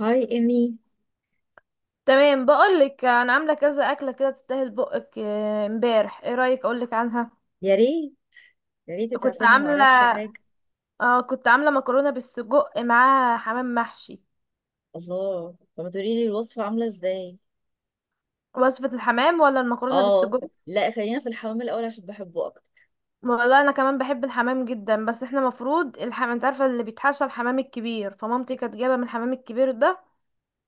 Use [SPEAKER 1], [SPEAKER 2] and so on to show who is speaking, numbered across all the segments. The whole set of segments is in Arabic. [SPEAKER 1] هاي ايمي.
[SPEAKER 2] تمام، بقولك انا عامله كذا اكله كده تستاهل بقك. امبارح ايه رايك اقولك عنها؟
[SPEAKER 1] يا ريت. يا ريت
[SPEAKER 2] كنت
[SPEAKER 1] تعرفني، ما
[SPEAKER 2] عامله.
[SPEAKER 1] اعرفش حاجه.
[SPEAKER 2] اه كنت عامله مكرونه بالسجق معاها حمام محشي.
[SPEAKER 1] الله، طب ما تقولي لي الوصفه عامله ازاي؟
[SPEAKER 2] وصفه الحمام ولا المكرونه
[SPEAKER 1] اه.
[SPEAKER 2] بالسجق؟
[SPEAKER 1] لا، خلينا في الحمام الاول عشان بحبه اكتر.
[SPEAKER 2] والله انا كمان بحب الحمام جدا، بس احنا مفروض الحمام انت عارفه اللي بيتحشى، الحمام الكبير، فمامتي كانت جايبه من الحمام الكبير ده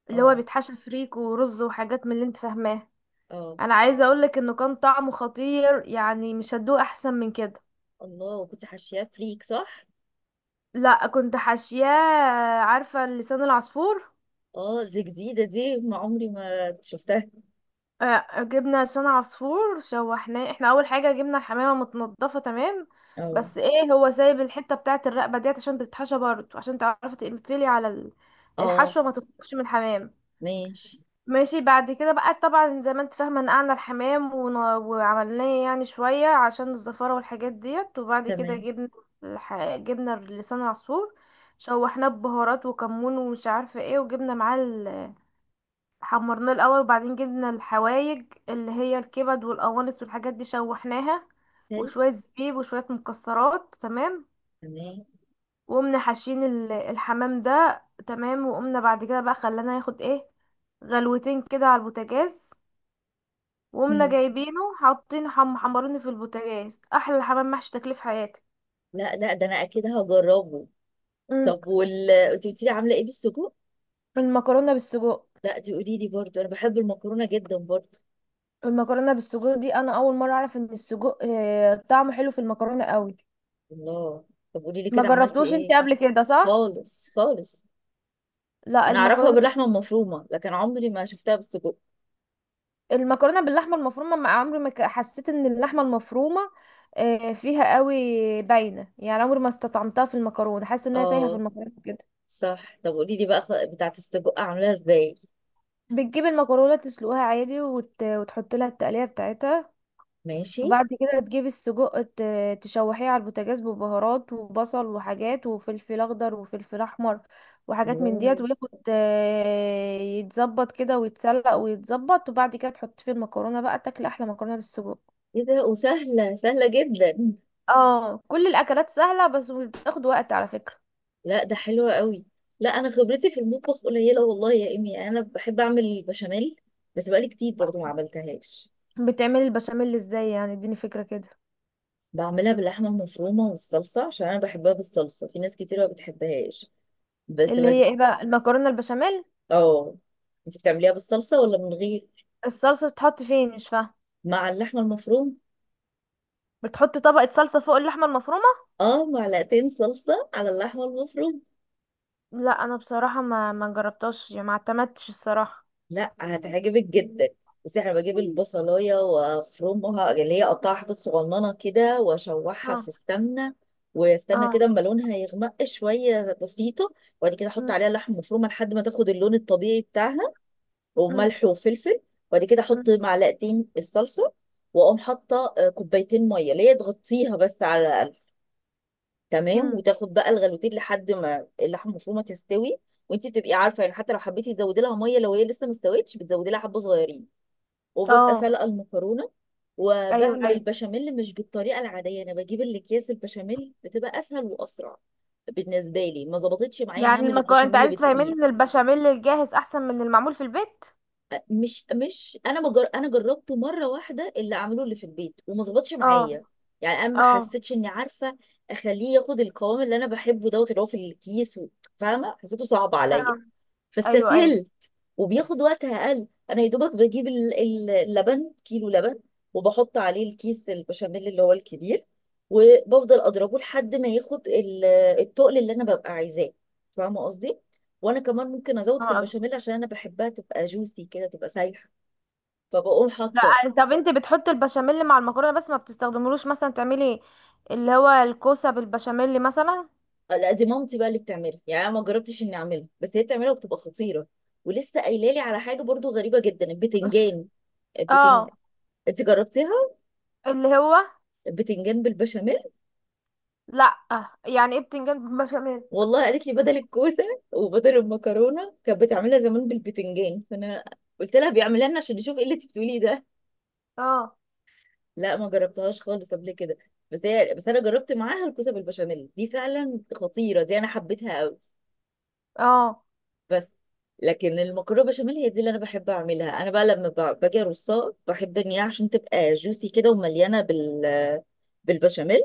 [SPEAKER 2] اللي هو
[SPEAKER 1] اه،
[SPEAKER 2] بيتحشى فريك ورز وحاجات من اللي انت فاهماه.
[SPEAKER 1] اه.
[SPEAKER 2] انا عايزه اقولك انه كان طعمه خطير، يعني مش هتدوق احسن من كده.
[SPEAKER 1] الله، وكنت حاشياه فريك صح؟
[SPEAKER 2] لا كنت حاشياه. عارفة لسان العصفور؟
[SPEAKER 1] اه، دي جديده دي ما عمري ما شفتها.
[SPEAKER 2] جبنا لسان عصفور، شوحناه. احنا اول حاجة جبنا الحمامة متنضفة تمام،
[SPEAKER 1] اه،
[SPEAKER 2] بس ايه هو سايب الحتة بتاعة الرقبة ديت عشان بتتحشى برضه، عشان تعرفي تقفلي على
[SPEAKER 1] اه.
[SPEAKER 2] الحشوة ما تخرجش من الحمام.
[SPEAKER 1] ماشي.
[SPEAKER 2] ماشي، بعد كده بقى طبعا زي ما انت فاهمة، نقعنا الحمام وعملناه يعني شوية عشان الزفارة والحاجات ديت. وبعد كده
[SPEAKER 1] تمام.
[SPEAKER 2] جبنا جبنا لسان العصفور، شوحناه ببهارات وكمون ومش عارفة ايه، وجبنا معاه. حمرناه الاول، وبعدين جبنا الحوايج اللي هي الكبد والقوانص والحاجات دي شوحناها،
[SPEAKER 1] حلو.
[SPEAKER 2] وشويه زبيب وشويه مكسرات، تمام.
[SPEAKER 1] تمام.
[SPEAKER 2] وقمنا حاشين الحمام ده، تمام. وقمنا بعد كده بقى خلانا ياخد ايه، غلوتين كده على البوتاجاز. وقمنا
[SPEAKER 1] هم.
[SPEAKER 2] جايبينه حاطين حمرونه في البوتاجاز، احلى حمام محشي تاكليه في حياتي.
[SPEAKER 1] لا، لا، ده انا اكيد هجربه.
[SPEAKER 2] امم
[SPEAKER 1] طب، انت قلتي لي عامله ايه بالسجق؟
[SPEAKER 2] المكرونه بالسجق.
[SPEAKER 1] لا، دي قولي لي برضه، انا بحب المكرونه جدا برضه.
[SPEAKER 2] المكرونه بالسجق دي انا اول مره اعرف ان السجق طعمه حلو في المكرونه قوي.
[SPEAKER 1] الله. طب، قولي لي
[SPEAKER 2] ما
[SPEAKER 1] كده عملتي
[SPEAKER 2] جربتوش انت
[SPEAKER 1] ايه؟
[SPEAKER 2] قبل كده صح؟
[SPEAKER 1] خالص خالص.
[SPEAKER 2] لا،
[SPEAKER 1] انا اعرفها
[SPEAKER 2] المكرونه.
[SPEAKER 1] باللحمه المفرومه، لكن عمري ما شفتها بالسجق.
[SPEAKER 2] المكرونه باللحمه المفرومه، ما عمري ما حسيت ان اللحمه المفرومه فيها قوي باينه، يعني عمري ما استطعمتها في المكرونه، حاسه انها تايهه في
[SPEAKER 1] اه.
[SPEAKER 2] المكرونه كده.
[SPEAKER 1] صح، طب قولي لي بقى بتاعه السجق عاملاها ازاي؟
[SPEAKER 2] بتجيب المكرونه تسلقها عادي، وتحط لها التقليه بتاعتها.
[SPEAKER 1] ماشي.
[SPEAKER 2] وبعد كده تجيب السجق، تشوحيه على البوتاجاز ببهارات وبصل وحاجات وفلفل اخضر وفلفل احمر، وحاجات من
[SPEAKER 1] الله.
[SPEAKER 2] ديت، وياخد يتظبط كده ويتسلق ويتظبط، وبعد كده تحط فيه المكرونه بقى، تاكل احلى مكرونه بالسجق.
[SPEAKER 1] ايه ده، وسهله سهله جدا.
[SPEAKER 2] اه، كل الاكلات سهله، بس مش بتاخد وقت على فكره.
[SPEAKER 1] لا، ده حلوه قوي. لا، انا خبرتي في المطبخ قليله، والله يا امي، انا بحب اعمل البشاميل. بس بقالي كتير برضو ما عملتهاش.
[SPEAKER 2] بتعملي البشاميل ازاي؟ يعني اديني فكره كده.
[SPEAKER 1] بعملها باللحمه المفرومه والصلصه عشان انا بحبها بالصلصه، في ناس كتير ما بتحبهاش. بس
[SPEAKER 2] اللي
[SPEAKER 1] بج...
[SPEAKER 2] هي ايه بقى، المكرونه البشاميل؟
[SPEAKER 1] اه. انت بتعمليها بالصلصه ولا من غير؟
[SPEAKER 2] الصلصه بتحط فين، مش فاهمه؟
[SPEAKER 1] مع اللحمه المفرومه.
[SPEAKER 2] بتحط طبقه صلصه فوق اللحمه المفرومه؟
[SPEAKER 1] اه، معلقتين صلصة على اللحمة المفروم.
[SPEAKER 2] لا، انا بصراحه ما جربتهاش، يعني ما اعتمدتش الصراحه.
[SPEAKER 1] لا، هتعجبك جدا. بس انا بجيب البصلاية وافرمها، اللي هي اقطعها حتت صغننة كده واشوحها في
[SPEAKER 2] اه.
[SPEAKER 1] السمنة. واستنى
[SPEAKER 2] اه.
[SPEAKER 1] كده اما لونها يغمق شوية بسيطة. وبعد كده احط
[SPEAKER 2] أم،
[SPEAKER 1] عليها اللحمة المفرومة لحد ما تاخد اللون الطبيعي بتاعها.
[SPEAKER 2] أم،
[SPEAKER 1] وملح وفلفل. وبعد كده احط
[SPEAKER 2] أم،
[SPEAKER 1] معلقتين الصلصة. واقوم حاطة كوبايتين مية، اللي هي تغطيها بس على تمام،
[SPEAKER 2] أم.
[SPEAKER 1] وتاخد بقى الغلوتين لحد ما اللحمه المفرومه تستوي. وانت بتبقي عارفه يعني، حتى لو حبيتي تزودي لها ميه لو هي لسه ما استوتش بتزودي لها حبه صغيرين. وببقى
[SPEAKER 2] اه.
[SPEAKER 1] سلقه المكرونه.
[SPEAKER 2] ايوه،
[SPEAKER 1] وبعمل
[SPEAKER 2] ايوه.
[SPEAKER 1] البشاميل مش بالطريقه العاديه، انا بجيب الاكياس البشاميل، بتبقى اسهل واسرع بالنسبه لي. ما ظبطتش معايا
[SPEAKER 2] يعني
[SPEAKER 1] نعمل
[SPEAKER 2] المكرونه، انت
[SPEAKER 1] البشاميل
[SPEAKER 2] عايز تفهمين
[SPEAKER 1] بدقيق.
[SPEAKER 2] ان البشاميل الجاهز احسن من المعمول في البيت؟
[SPEAKER 1] مش انا جربته مره واحده اللي عملوه اللي في البيت وما ظبطش
[SPEAKER 2] اه.
[SPEAKER 1] معايا. يعني انا ما
[SPEAKER 2] اه.
[SPEAKER 1] حسيتش اني عارفه اخليه ياخد القوام اللي انا بحبه دوت اللي هو في الكيس فاهمه، حسيته صعب عليا.
[SPEAKER 2] اه. ايوه، ايوه.
[SPEAKER 1] فاستسهلت. وبياخد وقت اقل. انا يا دوبك بجيب اللبن، كيلو لبن. وبحط عليه الكيس البشاميل اللي هو الكبير. وبفضل اضربه لحد ما ياخد التقل اللي انا ببقى عايزاه. فاهمه قصدي؟ وانا كمان ممكن ازود في
[SPEAKER 2] اه.
[SPEAKER 1] البشاميل عشان انا بحبها تبقى جوسي كده، تبقى سايحه. فبقوم
[SPEAKER 2] لا.
[SPEAKER 1] حاطه.
[SPEAKER 2] طب انت بتحطي البشاميل مع المكرونه بس، ما بتستخدملوش مثلا تعملي اللي هو الكوسه بالبشاميل مثلا؟
[SPEAKER 1] لا، دي مامتي بقى اللي بتعملها، يعني انا ما جربتش اني اعملها، بس هي بتعملها وبتبقى خطيره. ولسه قايله لي على حاجه برضو غريبه جدا،
[SPEAKER 2] بس-
[SPEAKER 1] البتنجان. البتنج
[SPEAKER 2] اه.
[SPEAKER 1] انت جربتيها؟
[SPEAKER 2] اللي هو.
[SPEAKER 1] البتنجان بالبشاميل؟
[SPEAKER 2] لا. يعني ايه بتنجان بالبشاميل؟
[SPEAKER 1] والله قالت لي بدل الكوسه، وبدل المكرونه كانت بتعملها زمان بالبتنجان، فانا قلت لها بيعملها لنا عشان نشوف ايه اللي انت بتقوليه ده.
[SPEAKER 2] اه.
[SPEAKER 1] لا، ما جربتهاش خالص قبل كده. بس انا جربت معاها الكوسه بالبشاميل، دي فعلا خطيره، دي انا حبيتها قوي.
[SPEAKER 2] اه.
[SPEAKER 1] بس. لكن المكرونه بشاميل هي دي اللي انا بحب اعملها. انا بقى لما باجي ارصها بحب ان هي عشان تبقى جوسي كده ومليانه بالبشاميل،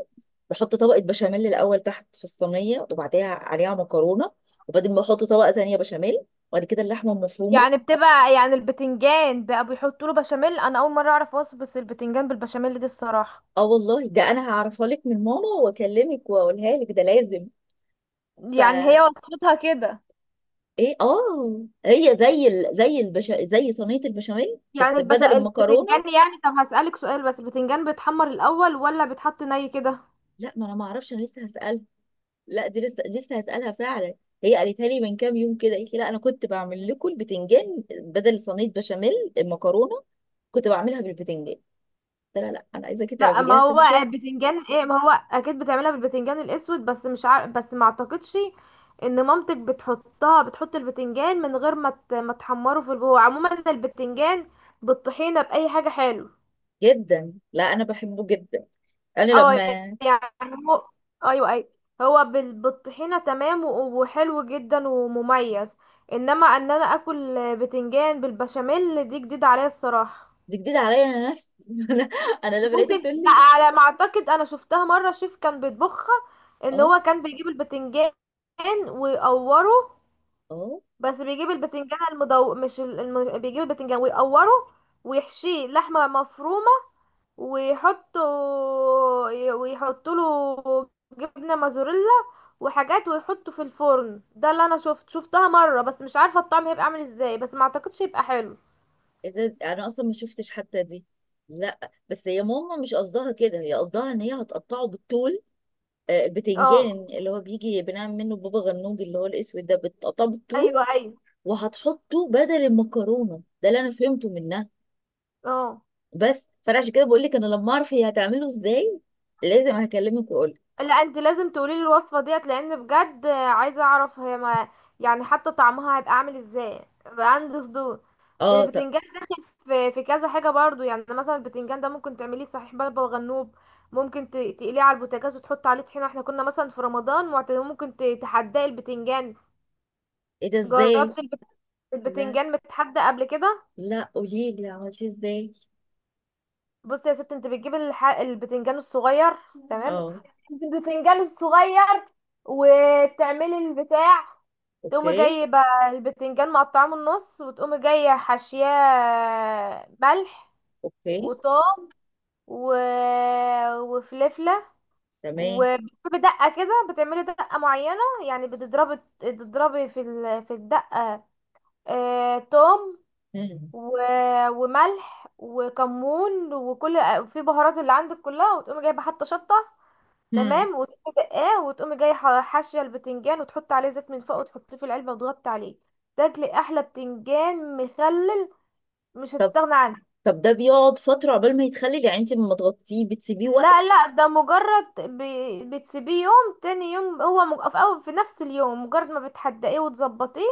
[SPEAKER 1] بحط طبقه بشاميل الاول تحت في الصينيه وبعديها عليها مكرونه. وبعدين بحط طبقه تانية بشاميل. وبعد كده اللحمه المفرومه.
[SPEAKER 2] يعني بتبقى، يعني البتنجان بقى بيحطوا له بشاميل؟ انا اول مره اعرف وصفه البتنجان بالبشاميل دي الصراحه.
[SPEAKER 1] اه والله، ده انا هعرفها لك من ماما واكلمك واقولها لك، ده لازم.
[SPEAKER 2] يعني
[SPEAKER 1] فا
[SPEAKER 2] هي وصفتها كده؟
[SPEAKER 1] ايه. اه هي زي صينيه البشاميل
[SPEAKER 2] يعني
[SPEAKER 1] بس بدل المكرونه.
[SPEAKER 2] البتنجان، يعني طب هسألك سؤال بس، البتنجان بيتحمر الاول ولا بيتحط ني كده؟
[SPEAKER 1] لا، ما انا ما اعرفش، انا لسه هسألك. لا، دي لسه لسه هسألها فعلا. هي قالتها لي من كام يوم كده، قالت لي لا انا كنت بعمل لكم البتنجان بدل صينيه بشاميل. المكرونه كنت بعملها بالبتنجان. قلت لها لا، انا عايزاكي
[SPEAKER 2] لا،
[SPEAKER 1] تعمليها
[SPEAKER 2] ما
[SPEAKER 1] عشان
[SPEAKER 2] هو
[SPEAKER 1] اشوف.
[SPEAKER 2] بتنجان ايه، ما هو اكيد بتعملها بالبتنجان الاسود، بس مش عارف، بس ما اعتقدش ان مامتك بتحطها، بتحط البتنجان من غير ما ما تحمره. في الجو عموما البتنجان بالطحينه باي حاجه حلو.
[SPEAKER 1] جدا، لا انا بحبه جدا. انا
[SPEAKER 2] اه.
[SPEAKER 1] لما
[SPEAKER 2] يعني هو ايوه ايوه، هو بالطحينه تمام، وحلو جدا ومميز. انما انا اكل بتنجان بالبشاميل دي جديده عليا الصراحه.
[SPEAKER 1] دي جديده عليا انا نفسي انا انا لما لقيتها
[SPEAKER 2] ممكن،
[SPEAKER 1] بتقول
[SPEAKER 2] لا،
[SPEAKER 1] لي.
[SPEAKER 2] على ما اعتقد انا شفتها مره شيف كان بيطبخها، ان
[SPEAKER 1] اه،
[SPEAKER 2] هو كان بيجيب البتنجان ويقوره.
[SPEAKER 1] اه.
[SPEAKER 2] بس بيجيب البتنجان المدو، مش بيجيب البتنجان ويقوره ويحشيه لحمه مفرومه، ويحطه، ويحط له جبنه موزاريلا وحاجات، ويحطه في الفرن. ده اللي انا شفتها مره، بس مش عارفه الطعم هيبقى عامل ازاي، بس ما اعتقدش هيبقى حلو.
[SPEAKER 1] إيه ده، انا اصلا ما شفتش حتى دي. لا بس هي ماما مش قصدها كده، هي قصدها ان هي هتقطعه بالطول.
[SPEAKER 2] اه.
[SPEAKER 1] البتنجان اللي هو بيجي بنعمل منه بابا غنوج اللي هو الاسود ده بتقطعه بالطول.
[SPEAKER 2] ايوه، ايوه.
[SPEAKER 1] وهتحطه بدل المكرونه، ده اللي انا فهمته منها.
[SPEAKER 2] اه.
[SPEAKER 1] بس فانا عشان كده بقول لك انا لما اعرف هي هتعمله ازاي، لازم هكلمك واقول لك.
[SPEAKER 2] لا، انت لازم تقولي لي الوصفه ديت، لان بجد عايزه اعرف هي ما، يعني حتى طعمها هيبقى عامل ازاي، بقى عندي فضول.
[SPEAKER 1] اه، طب.
[SPEAKER 2] البتنجان داخل في كذا حاجه برضو. يعني مثلا البتنجان ده ممكن تعمليه صحيح بلبن وغنوب، ممكن تقليه على البوتاجاز وتحط عليه طحينه. احنا كنا مثلا في رمضان معتاد- ممكن تحدقي البتنجان.
[SPEAKER 1] ايه ده، ازاي؟
[SPEAKER 2] جربت
[SPEAKER 1] لا،
[SPEAKER 2] البتنجان متحدى قبل كده؟
[SPEAKER 1] لا، قولي لي عملتيه ازاي؟
[SPEAKER 2] بص يا ست، انت بتجيب البتنجان الصغير، تمام.
[SPEAKER 1] اه.
[SPEAKER 2] تجيب البتنجان الصغير وتعملي البتاع، تقومي
[SPEAKER 1] اوكي.
[SPEAKER 2] جايبه البتنجان مقطعاه من النص، وتقومي جايه حاشياه ملح
[SPEAKER 1] اوكي.
[SPEAKER 2] وطوم و... وفلفله.
[SPEAKER 1] تمام.
[SPEAKER 2] وبتجيبي دقه كده، بتعملي دقه معينه، يعني بتضربي في في الدقه توم
[SPEAKER 1] مم.
[SPEAKER 2] و... وملح وكمون وكل في بهارات اللي عندك كلها، وتقومي جايبه حتى شطه،
[SPEAKER 1] مم.
[SPEAKER 2] تمام. وتقومي دقاه، وتقومي جاي حاشيه البتنجان، وتحطي عليه زيت من فوق، وتحطيه في العلبه وتغطي عليه. تاكلي احلى بتنجان مخلل، مش
[SPEAKER 1] طب
[SPEAKER 2] هتستغنى عنه.
[SPEAKER 1] طب، ده بيقعد فتره عقبال ما يتخلل؟ يعني انت لما تغطيه بتسيبيه وقت؟
[SPEAKER 2] لا لا، ده مجرد بتسيبيه يوم، تاني يوم هو في أول، في نفس اليوم، مجرد ما بتحدقيه وتظبطيه،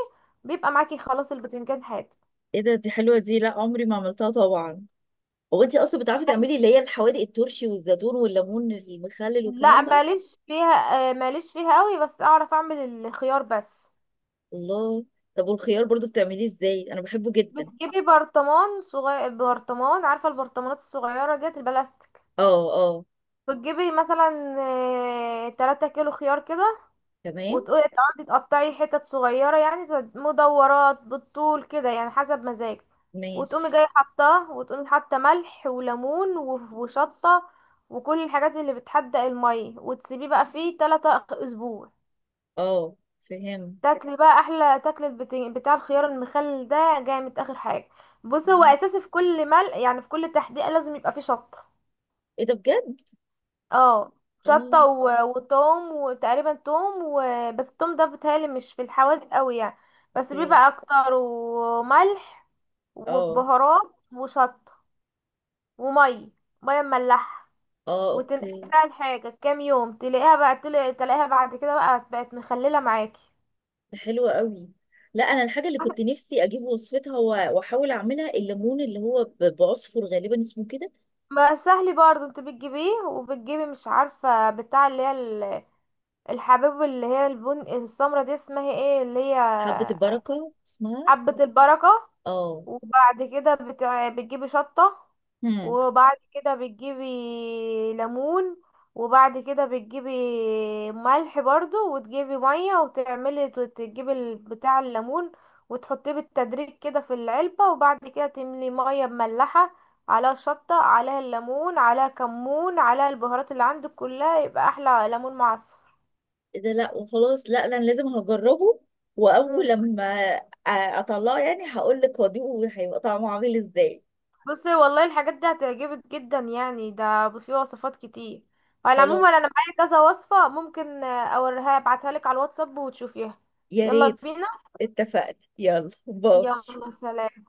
[SPEAKER 2] بيبقى معاكي خلاص البتنجان حاد.
[SPEAKER 1] ايه ده، دي حلوه دي، لا عمري ما عملتها طبعا. هو انت اصلا بتعرفي تعملي اللي هي الحوادق، الترشي والزيتون والليمون المخلل
[SPEAKER 2] لا،
[SPEAKER 1] والكلام ده؟
[SPEAKER 2] ماليش فيها ماليش فيها قوي، بس اعرف اعمل الخيار بس.
[SPEAKER 1] الله. طب، والخيار برضو بتعمليه ازاي؟ انا بحبه جدا.
[SPEAKER 2] بتجيبي برطمان صغير، برطمان، عارفة البرطمانات الصغيرة ديت البلاستيك؟
[SPEAKER 1] اه، اه.
[SPEAKER 2] بتجيبي مثلا 3 كيلو خيار كده،
[SPEAKER 1] تمام.
[SPEAKER 2] وتقولي تقعدي تقطعي حتت صغيرة، يعني مدورات بالطول كده، يعني حسب مزاجك. وتقومي
[SPEAKER 1] ماشي.
[SPEAKER 2] جاية حطاه، وتقومي حاطة ملح وليمون وشطة وكل الحاجات اللي بتحدق المية، وتسيبيه بقى فيه 3 أسبوع،
[SPEAKER 1] اه. فهم.
[SPEAKER 2] تاكلي بقى احلى تاكل بتاع الخيار المخلل ده، جامد اخر حاجه. بص، هو اساسي في كل مل، يعني في كل تحديقه لازم يبقى فيه شطه.
[SPEAKER 1] ايه ده بجد؟
[SPEAKER 2] اه. شطه
[SPEAKER 1] اه.
[SPEAKER 2] وتوم، وتقريبا توم بس التوم ده بيتهيألي مش في الحوادق قوي يعني، بس
[SPEAKER 1] اوكي.
[SPEAKER 2] بيبقى اكتر، وملح
[SPEAKER 1] اه،
[SPEAKER 2] وبهارات وشطه وميه، ميه مملحه.
[SPEAKER 1] اه.
[SPEAKER 2] وتنقع
[SPEAKER 1] اوكي.
[SPEAKER 2] بقى الحاجه كام يوم، تلاقيها بقى تلاقيها بعد كده بقى بقت مخلله معاكي.
[SPEAKER 1] ده حلو قوي. لا، انا الحاجه اللي كنت نفسي اجيب وصفتها واحاول اعملها الليمون اللي هو بعصفر غالبا اسمه كده.
[SPEAKER 2] ما سهل برضه، انت بتجيبيه وبتجيبي مش عارفة بتاع اللي هي الحبوب اللي هي البن السمرة دي، اسمها ايه اللي هي؟
[SPEAKER 1] حبه البركه اسمها.
[SPEAKER 2] حبة البركة.
[SPEAKER 1] اه.
[SPEAKER 2] وبعد كده بتجيبي شطة،
[SPEAKER 1] هم.
[SPEAKER 2] وبعد كده بتجيبي ليمون، وبعد كده بتجيبي ملح برضو، وتجيبي مية، وتعملي وتجيبي بتاع الليمون، وتحطيه بالتدريج كده في العلبة، وبعد كده تملي مية مملحة، عليها شطة، عليها الليمون، عليها كمون، عليها البهارات اللي عندك كلها، يبقى أحلى ليمون معصفر.
[SPEAKER 1] ايه ده! لا وخلاص، لا، لا، انا لازم هجربه. واول لما اطلعه يعني هقول لك واضيفه هيبقى طعمه عامل ازاي.
[SPEAKER 2] بصي والله، الحاجات دي هتعجبك جدا، يعني ده في وصفات كتير. على العموم انا
[SPEAKER 1] خلاص.
[SPEAKER 2] معايا كذا وصفة، ممكن اوريها ابعتها لك على الواتساب وتشوفيها.
[SPEAKER 1] يا
[SPEAKER 2] يلا
[SPEAKER 1] ريت.
[SPEAKER 2] بينا.
[SPEAKER 1] اتفقنا، يلا باي.
[SPEAKER 2] يلا سلام.